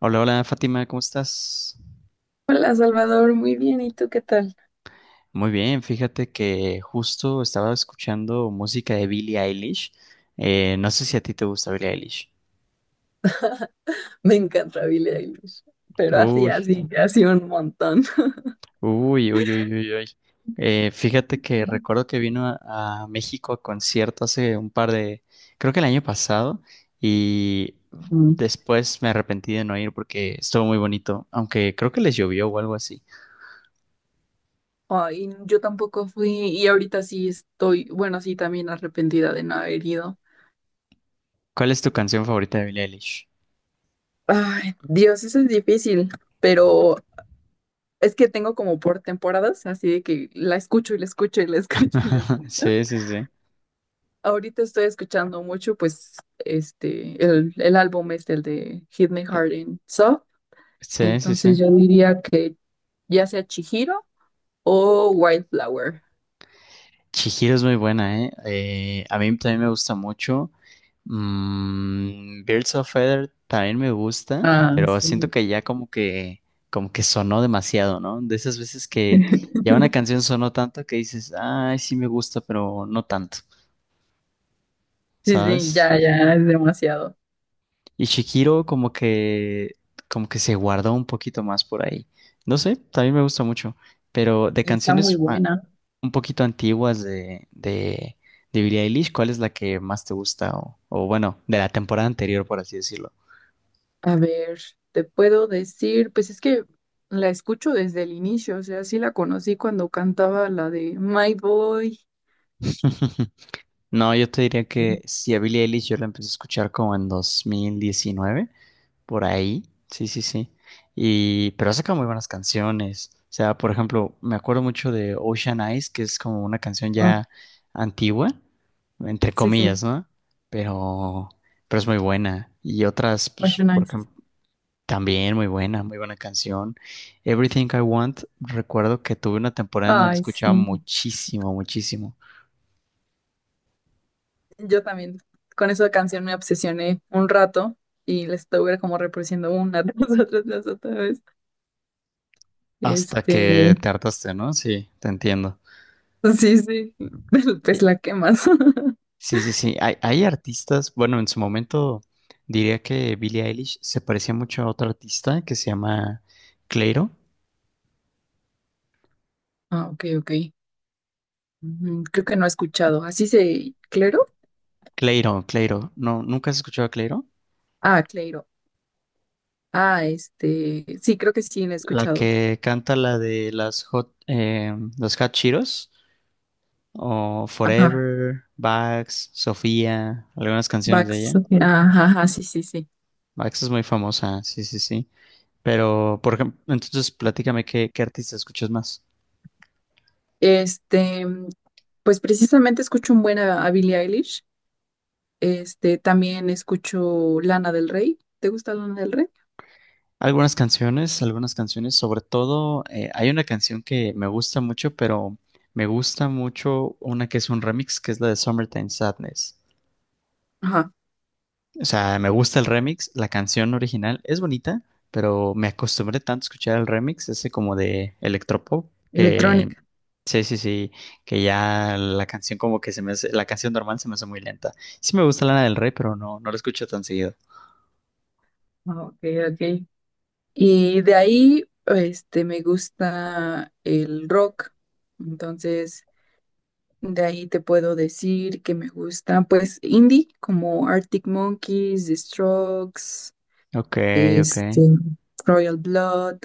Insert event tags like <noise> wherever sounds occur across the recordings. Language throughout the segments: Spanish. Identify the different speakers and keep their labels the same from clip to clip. Speaker 1: Hola, hola Fátima, ¿cómo estás?
Speaker 2: Hola Salvador, muy bien, ¿y tú qué tal?
Speaker 1: Muy bien, fíjate que justo estaba escuchando música de Billie Eilish. No sé si a ti te gusta Billie Eilish.
Speaker 2: Me encanta Billie Eilish, pero así,
Speaker 1: Uy,
Speaker 2: así, así un montón.
Speaker 1: uy, uy, uy, uy, uy. Fíjate que recuerdo que vino a México a concierto hace un par de, creo que el año pasado, y
Speaker 2: Mm.
Speaker 1: después me arrepentí de no ir porque estuvo muy bonito, aunque creo que les llovió o algo así.
Speaker 2: Ay, yo tampoco fui y ahorita sí estoy, bueno, sí también arrepentida de no haber ido.
Speaker 1: ¿Cuál es tu canción favorita de Billie Eilish?
Speaker 2: Ay, Dios, eso es difícil, pero es que tengo como por temporadas, así de que la escucho y la escucho y la <laughs> escucho y la
Speaker 1: <laughs>
Speaker 2: escucho.
Speaker 1: Sí, sí, sí.
Speaker 2: Ahorita estoy escuchando mucho, pues, el álbum es el de Hit Me Hard and Soft,
Speaker 1: Sí, sí,
Speaker 2: entonces
Speaker 1: sí.
Speaker 2: yo diría que ya sea Chihiro o Wildflower.
Speaker 1: Chihiro es muy buena, ¿eh? A mí también me gusta mucho. Mm, Birds of Feather también me gusta,
Speaker 2: Ah,
Speaker 1: pero siento
Speaker 2: sí.
Speaker 1: que ya como que sonó demasiado, ¿no? De esas veces que ya
Speaker 2: <laughs>
Speaker 1: una canción sonó tanto que dices, ay, sí me gusta, pero no tanto,
Speaker 2: Sí, sí,
Speaker 1: ¿sabes?
Speaker 2: ya, ya es demasiado.
Speaker 1: Y Shikiro como que se guardó un poquito más por ahí. No sé, también me gusta mucho. Pero de
Speaker 2: Y está muy
Speaker 1: canciones ah,
Speaker 2: buena.
Speaker 1: un poquito antiguas de Billie Eilish, ¿cuál es la que más te gusta? O bueno, de la temporada anterior, por así decirlo.
Speaker 2: A ver, te puedo decir, pues es que la escucho desde el inicio, o sea, sí la conocí cuando cantaba la de My Boy.
Speaker 1: <laughs> No, yo te diría que si a Billie Eilish yo la empecé a escuchar como en 2019, por ahí, sí, sí, sí. Y, pero ha sacado muy buenas canciones. O sea, por ejemplo, me acuerdo mucho de Ocean Eyes, que es como una canción
Speaker 2: Oh,
Speaker 1: ya antigua, entre
Speaker 2: sí,
Speaker 1: comillas,
Speaker 2: sí,
Speaker 1: ¿no? Pero, pero es muy buena. Y otras, pues,
Speaker 2: Ocean
Speaker 1: por
Speaker 2: Eyes.
Speaker 1: ejemplo, también muy buena canción. Everything I Want, recuerdo que tuve una temporada donde la
Speaker 2: Ay,
Speaker 1: escuchaba
Speaker 2: sí.
Speaker 1: muchísimo, muchísimo.
Speaker 2: Yo también con esa canción me obsesioné un rato y la estuve como reproduciendo una <laughs> tras otra vez.
Speaker 1: Hasta que
Speaker 2: Este,
Speaker 1: te hartaste, ¿no? Sí, te entiendo.
Speaker 2: sí, sí, <laughs>
Speaker 1: Y-
Speaker 2: pues la quemas. <laughs>
Speaker 1: Sí, sí, sí. Hay artistas, bueno, en su momento diría que Billie Eilish se parecía mucho a otra artista que se llama Cleiro.
Speaker 2: Ah, ok, ok. Ujú, creo que no he escuchado. ¿Así se...? ¿Clero?
Speaker 1: Cleiro, Cleiro. No, ¿nunca has escuchado a Cleiro?
Speaker 2: Ah, Cleiro. Ah, este... Sí, creo que sí, lo he
Speaker 1: La
Speaker 2: escuchado.
Speaker 1: que canta la de las Hot, los Hot Cheetos o
Speaker 2: Ajá.
Speaker 1: Forever, Bax, Sofía, algunas canciones de
Speaker 2: Vax.
Speaker 1: ella.
Speaker 2: Ok. Ajá, ajá, sí, sí, sí.
Speaker 1: Bax es muy famosa, sí, sí, sí. Pero, por ejemplo, entonces platícame qué, qué artista escuchas más.
Speaker 2: Este, pues precisamente escucho un buen a Billie Eilish. Este, también escucho Lana del Rey. ¿Te gusta Lana del Rey?
Speaker 1: Algunas canciones, sobre todo hay una canción que me gusta mucho, pero me gusta mucho una que es un remix, que es la de Summertime Sadness.
Speaker 2: Ajá,
Speaker 1: O sea, me gusta el remix, la canción original es bonita, pero me acostumbré tanto a escuchar el remix, ese como de electropop, que
Speaker 2: electrónica.
Speaker 1: sí, sí, sí, que ya la canción como que se me hace, la canción normal se me hace muy lenta. Sí me gusta Lana del Rey, pero no, no la escucho tan seguido.
Speaker 2: Ah, ok, ok. Y de ahí, este, me gusta el rock. Entonces... De ahí te puedo decir que me gusta, pues, indie, como Arctic Monkeys, The Strokes,
Speaker 1: Ok, ok.
Speaker 2: este, Royal Blood,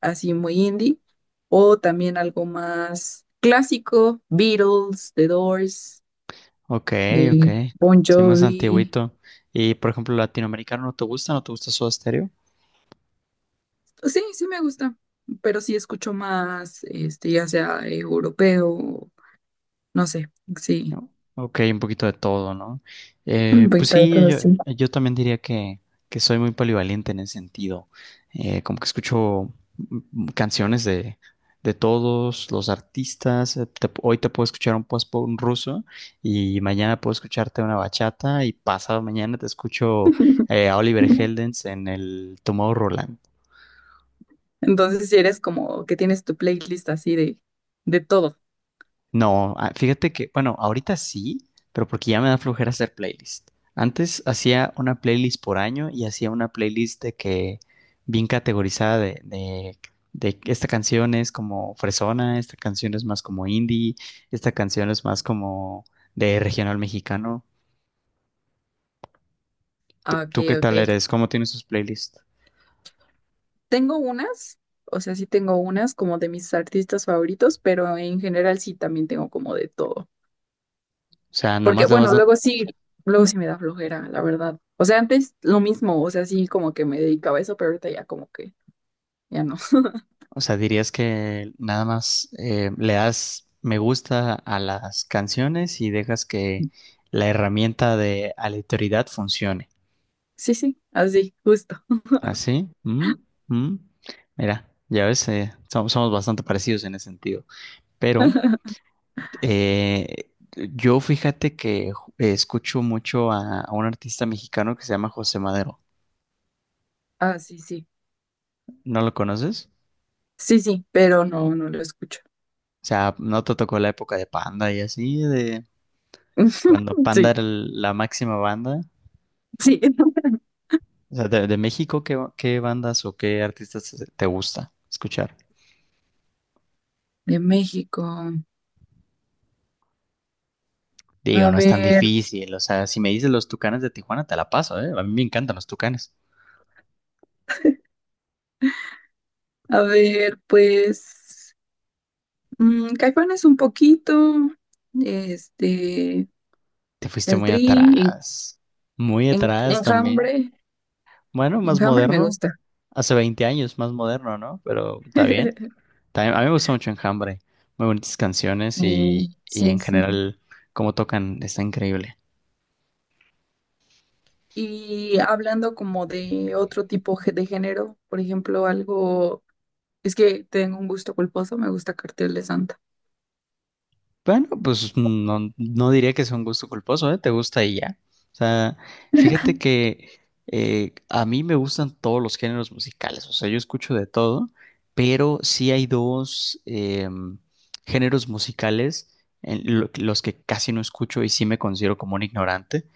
Speaker 2: así muy indie. O también algo más clásico, Beatles, The Doors,
Speaker 1: Ok, ok.
Speaker 2: eh, Bon
Speaker 1: Sí, más
Speaker 2: Jovi.
Speaker 1: antiguito. Y por ejemplo, latinoamericano, ¿no te gusta? ¿No te gusta Soda Stereo?
Speaker 2: Pues sí, sí me gusta, pero sí escucho más, este, ya sea europeo, no sé, sí,
Speaker 1: No. Ok, un poquito de todo, ¿no?
Speaker 2: <clears throat> un
Speaker 1: Pues
Speaker 2: poquito de
Speaker 1: sí,
Speaker 2: todo,
Speaker 1: yo,
Speaker 2: sí.
Speaker 1: yo también diría que soy muy polivalente en ese sentido. Como que escucho canciones de todos los artistas. Hoy te puedo escuchar un post un ruso y mañana puedo escucharte una bachata y pasado mañana te escucho a Oliver
Speaker 2: <laughs>
Speaker 1: Heldens en el Tomorrowland.
Speaker 2: Entonces, si eres como que tienes tu playlist así de todo.
Speaker 1: No, ah, fíjate que, bueno, ahorita sí, pero porque ya me da flojera hacer playlist. Antes hacía una playlist por año y hacía una playlist de que bien categorizada de que esta canción es como fresona, esta canción es más como indie, esta canción es más como de regional mexicano. ¿Tú,
Speaker 2: Ah, ok,
Speaker 1: tú qué
Speaker 2: ok.
Speaker 1: tal eres? ¿Cómo tienes tus playlists?
Speaker 2: Tengo unas, o sea, sí tengo unas como de mis artistas favoritos, pero en general sí también tengo como de todo.
Speaker 1: O sea,
Speaker 2: Porque,
Speaker 1: nomás le vas.
Speaker 2: bueno, luego sí me da flojera, la verdad. O sea, antes lo mismo, o sea, sí como que me dedicaba a eso, pero ahorita ya como que ya no.
Speaker 1: O sea, dirías que nada más le das me gusta a las canciones y dejas que
Speaker 2: <laughs>
Speaker 1: la herramienta de aleatoriedad funcione.
Speaker 2: Sí, sí, así, justo.
Speaker 1: ¿Así? ¿Mm? ¿Mm? Mira, ya ves, somos bastante parecidos en ese sentido. Pero
Speaker 2: <laughs>
Speaker 1: eh, yo fíjate que escucho mucho a un artista mexicano que se llama José Madero.
Speaker 2: Ah, sí, sí.
Speaker 1: ¿No lo conoces?
Speaker 2: Sí, sí, pero no, no lo escucho.
Speaker 1: O sea, ¿no te tocó la época de Panda y así, de cuando
Speaker 2: <laughs>
Speaker 1: Panda
Speaker 2: Sí,
Speaker 1: era la máxima banda?
Speaker 2: sí.
Speaker 1: O sea, de México, ¿qué, qué bandas o qué artistas te gusta escuchar?
Speaker 2: De México.
Speaker 1: Digo,
Speaker 2: A
Speaker 1: no es tan
Speaker 2: ver,
Speaker 1: difícil. O sea, si me dices los Tucanes de Tijuana, te la paso, ¿eh? A mí me encantan los Tucanes.
Speaker 2: a ver, pues, mm, Caifanes un poquito. Este.
Speaker 1: Te fuiste
Speaker 2: El
Speaker 1: muy
Speaker 2: Tri.
Speaker 1: atrás. Muy atrás también.
Speaker 2: Enjambre.
Speaker 1: Bueno, más
Speaker 2: Enjambre me
Speaker 1: moderno.
Speaker 2: gusta.
Speaker 1: Hace 20 años, más moderno, ¿no? Pero está bien.
Speaker 2: <laughs>
Speaker 1: También, a mí me gusta mucho Enjambre. Muy bonitas canciones y
Speaker 2: Sí,
Speaker 1: en
Speaker 2: sí.
Speaker 1: general, cómo tocan, está increíble.
Speaker 2: Y hablando como de otro tipo de género, por ejemplo, algo, es que tengo un gusto culposo, me gusta Cartel de Santa.
Speaker 1: Bueno, pues no, no diría que sea un gusto culposo, ¿eh? Te gusta y ya. O sea, fíjate que a mí me gustan todos los géneros musicales, o sea, yo escucho de todo, pero sí hay dos géneros musicales en los que casi no escucho y sí me considero como un ignorante,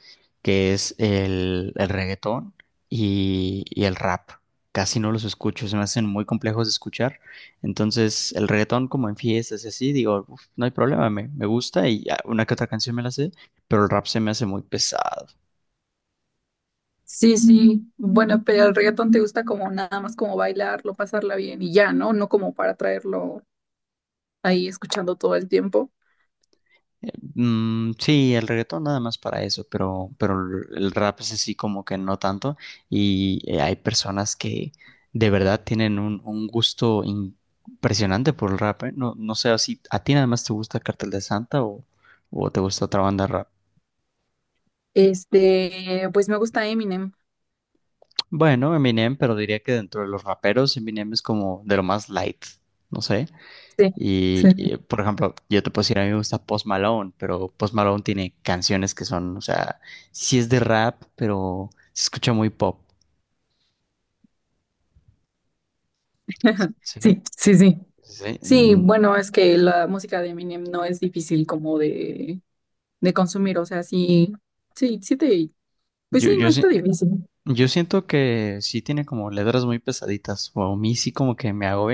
Speaker 1: que es el reggaetón y el rap. Casi no los escucho, se me hacen muy complejos de escuchar. Entonces, el reggaetón como en fiestas y así, digo, no hay problema, me gusta y ah, una que otra canción me la sé, pero el rap se me hace muy pesado.
Speaker 2: Sí, sí. Bueno, pero el reggaetón te gusta como nada más como bailarlo, pasarla bien y ya, ¿no? No como para traerlo ahí escuchando todo el tiempo.
Speaker 1: Sí, el reggaetón nada más para eso, pero el rap es así como que no tanto y hay personas que de verdad tienen un gusto impresionante por el rap, ¿eh? No, no sé si a ti nada más te gusta Cartel de Santa o te gusta otra banda de rap.
Speaker 2: Este, pues me gusta Eminem.
Speaker 1: Bueno, Eminem, pero diría que dentro de los raperos, Eminem es como de lo más light, no sé.
Speaker 2: Sí, sí, sí.
Speaker 1: Por ejemplo, yo te puedo decir, a mí me gusta Post Malone, pero Post Malone tiene canciones que son, o sea, sí es de rap, pero se escucha muy pop.
Speaker 2: <laughs>
Speaker 1: Sí,
Speaker 2: Sí, sí, sí.
Speaker 1: sí.
Speaker 2: Sí, bueno, es que la música de Eminem no es difícil como de consumir, o sea, sí, sí, sí te, pues
Speaker 1: Yo,
Speaker 2: sí, no
Speaker 1: yo, sí-
Speaker 2: está difícil.
Speaker 1: yo siento que sí tiene como letras muy pesaditas, o a mí sí como que me hago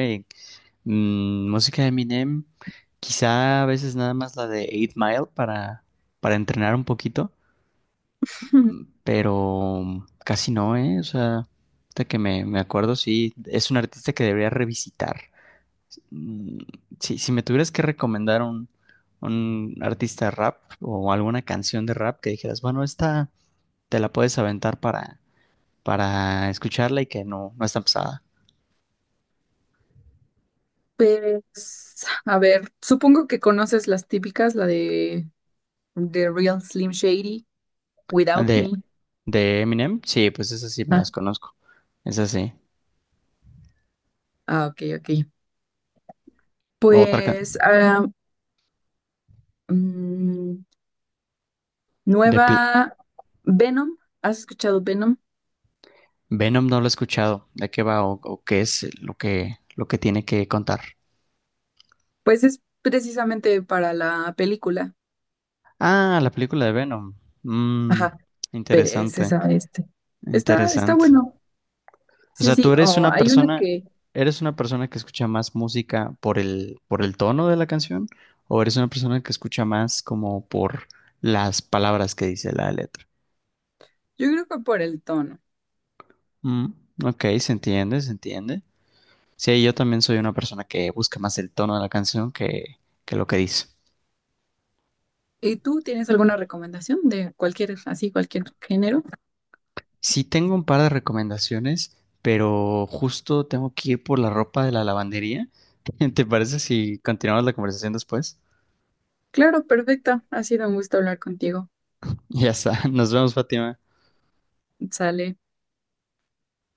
Speaker 1: música de Eminem, quizá a veces nada más la de Eight Mile para entrenar un poquito,
Speaker 2: <laughs>
Speaker 1: pero casi no, ¿eh? O sea, ahorita que me acuerdo, sí, es un artista que debería revisitar. Mm, Si, si me tuvieras que recomendar un artista de rap o alguna canción de rap que dijeras, bueno, esta te la puedes aventar para escucharla y que no, no es tan pesada.
Speaker 2: Pues, a ver, supongo que conoces las típicas, la de The Real Slim Shady,
Speaker 1: Ah,
Speaker 2: Without Me.
Speaker 1: De Eminem, sí, pues esas sí me las
Speaker 2: Ah,
Speaker 1: conozco. Esas sí.
Speaker 2: ah, ok, ok.
Speaker 1: Otra can-
Speaker 2: Pues, ah, mm,
Speaker 1: de Pl-
Speaker 2: nueva. Venom, ¿has escuchado Venom?
Speaker 1: Venom no lo he escuchado. ¿De qué va o qué es lo que tiene que contar?
Speaker 2: Pues es precisamente para la película.
Speaker 1: Ah, la película de Venom. Mm,
Speaker 2: Ajá, pero es
Speaker 1: Interesante,
Speaker 2: esa, este. Está, está
Speaker 1: interesante.
Speaker 2: bueno.
Speaker 1: O
Speaker 2: Sí,
Speaker 1: sea, tú
Speaker 2: sí, o hay una que
Speaker 1: eres una persona que escucha más música por por el tono de la canción, o eres una persona que escucha más como por las palabras que dice la letra.
Speaker 2: yo creo que por el tono.
Speaker 1: Mm, ok, se entiende, se entiende. Sí, yo también soy una persona que busca más el tono de la canción que lo que dice.
Speaker 2: ¿Y tú tienes alguna recomendación de cualquier, así, cualquier género?
Speaker 1: Sí tengo un par de recomendaciones, pero justo tengo que ir por la ropa de la lavandería. <laughs> ¿Te parece si continuamos la conversación después? <laughs>
Speaker 2: Claro, perfecta. Ha sido un gusto hablar contigo.
Speaker 1: Ya está, nos vemos, Fátima.
Speaker 2: Sale.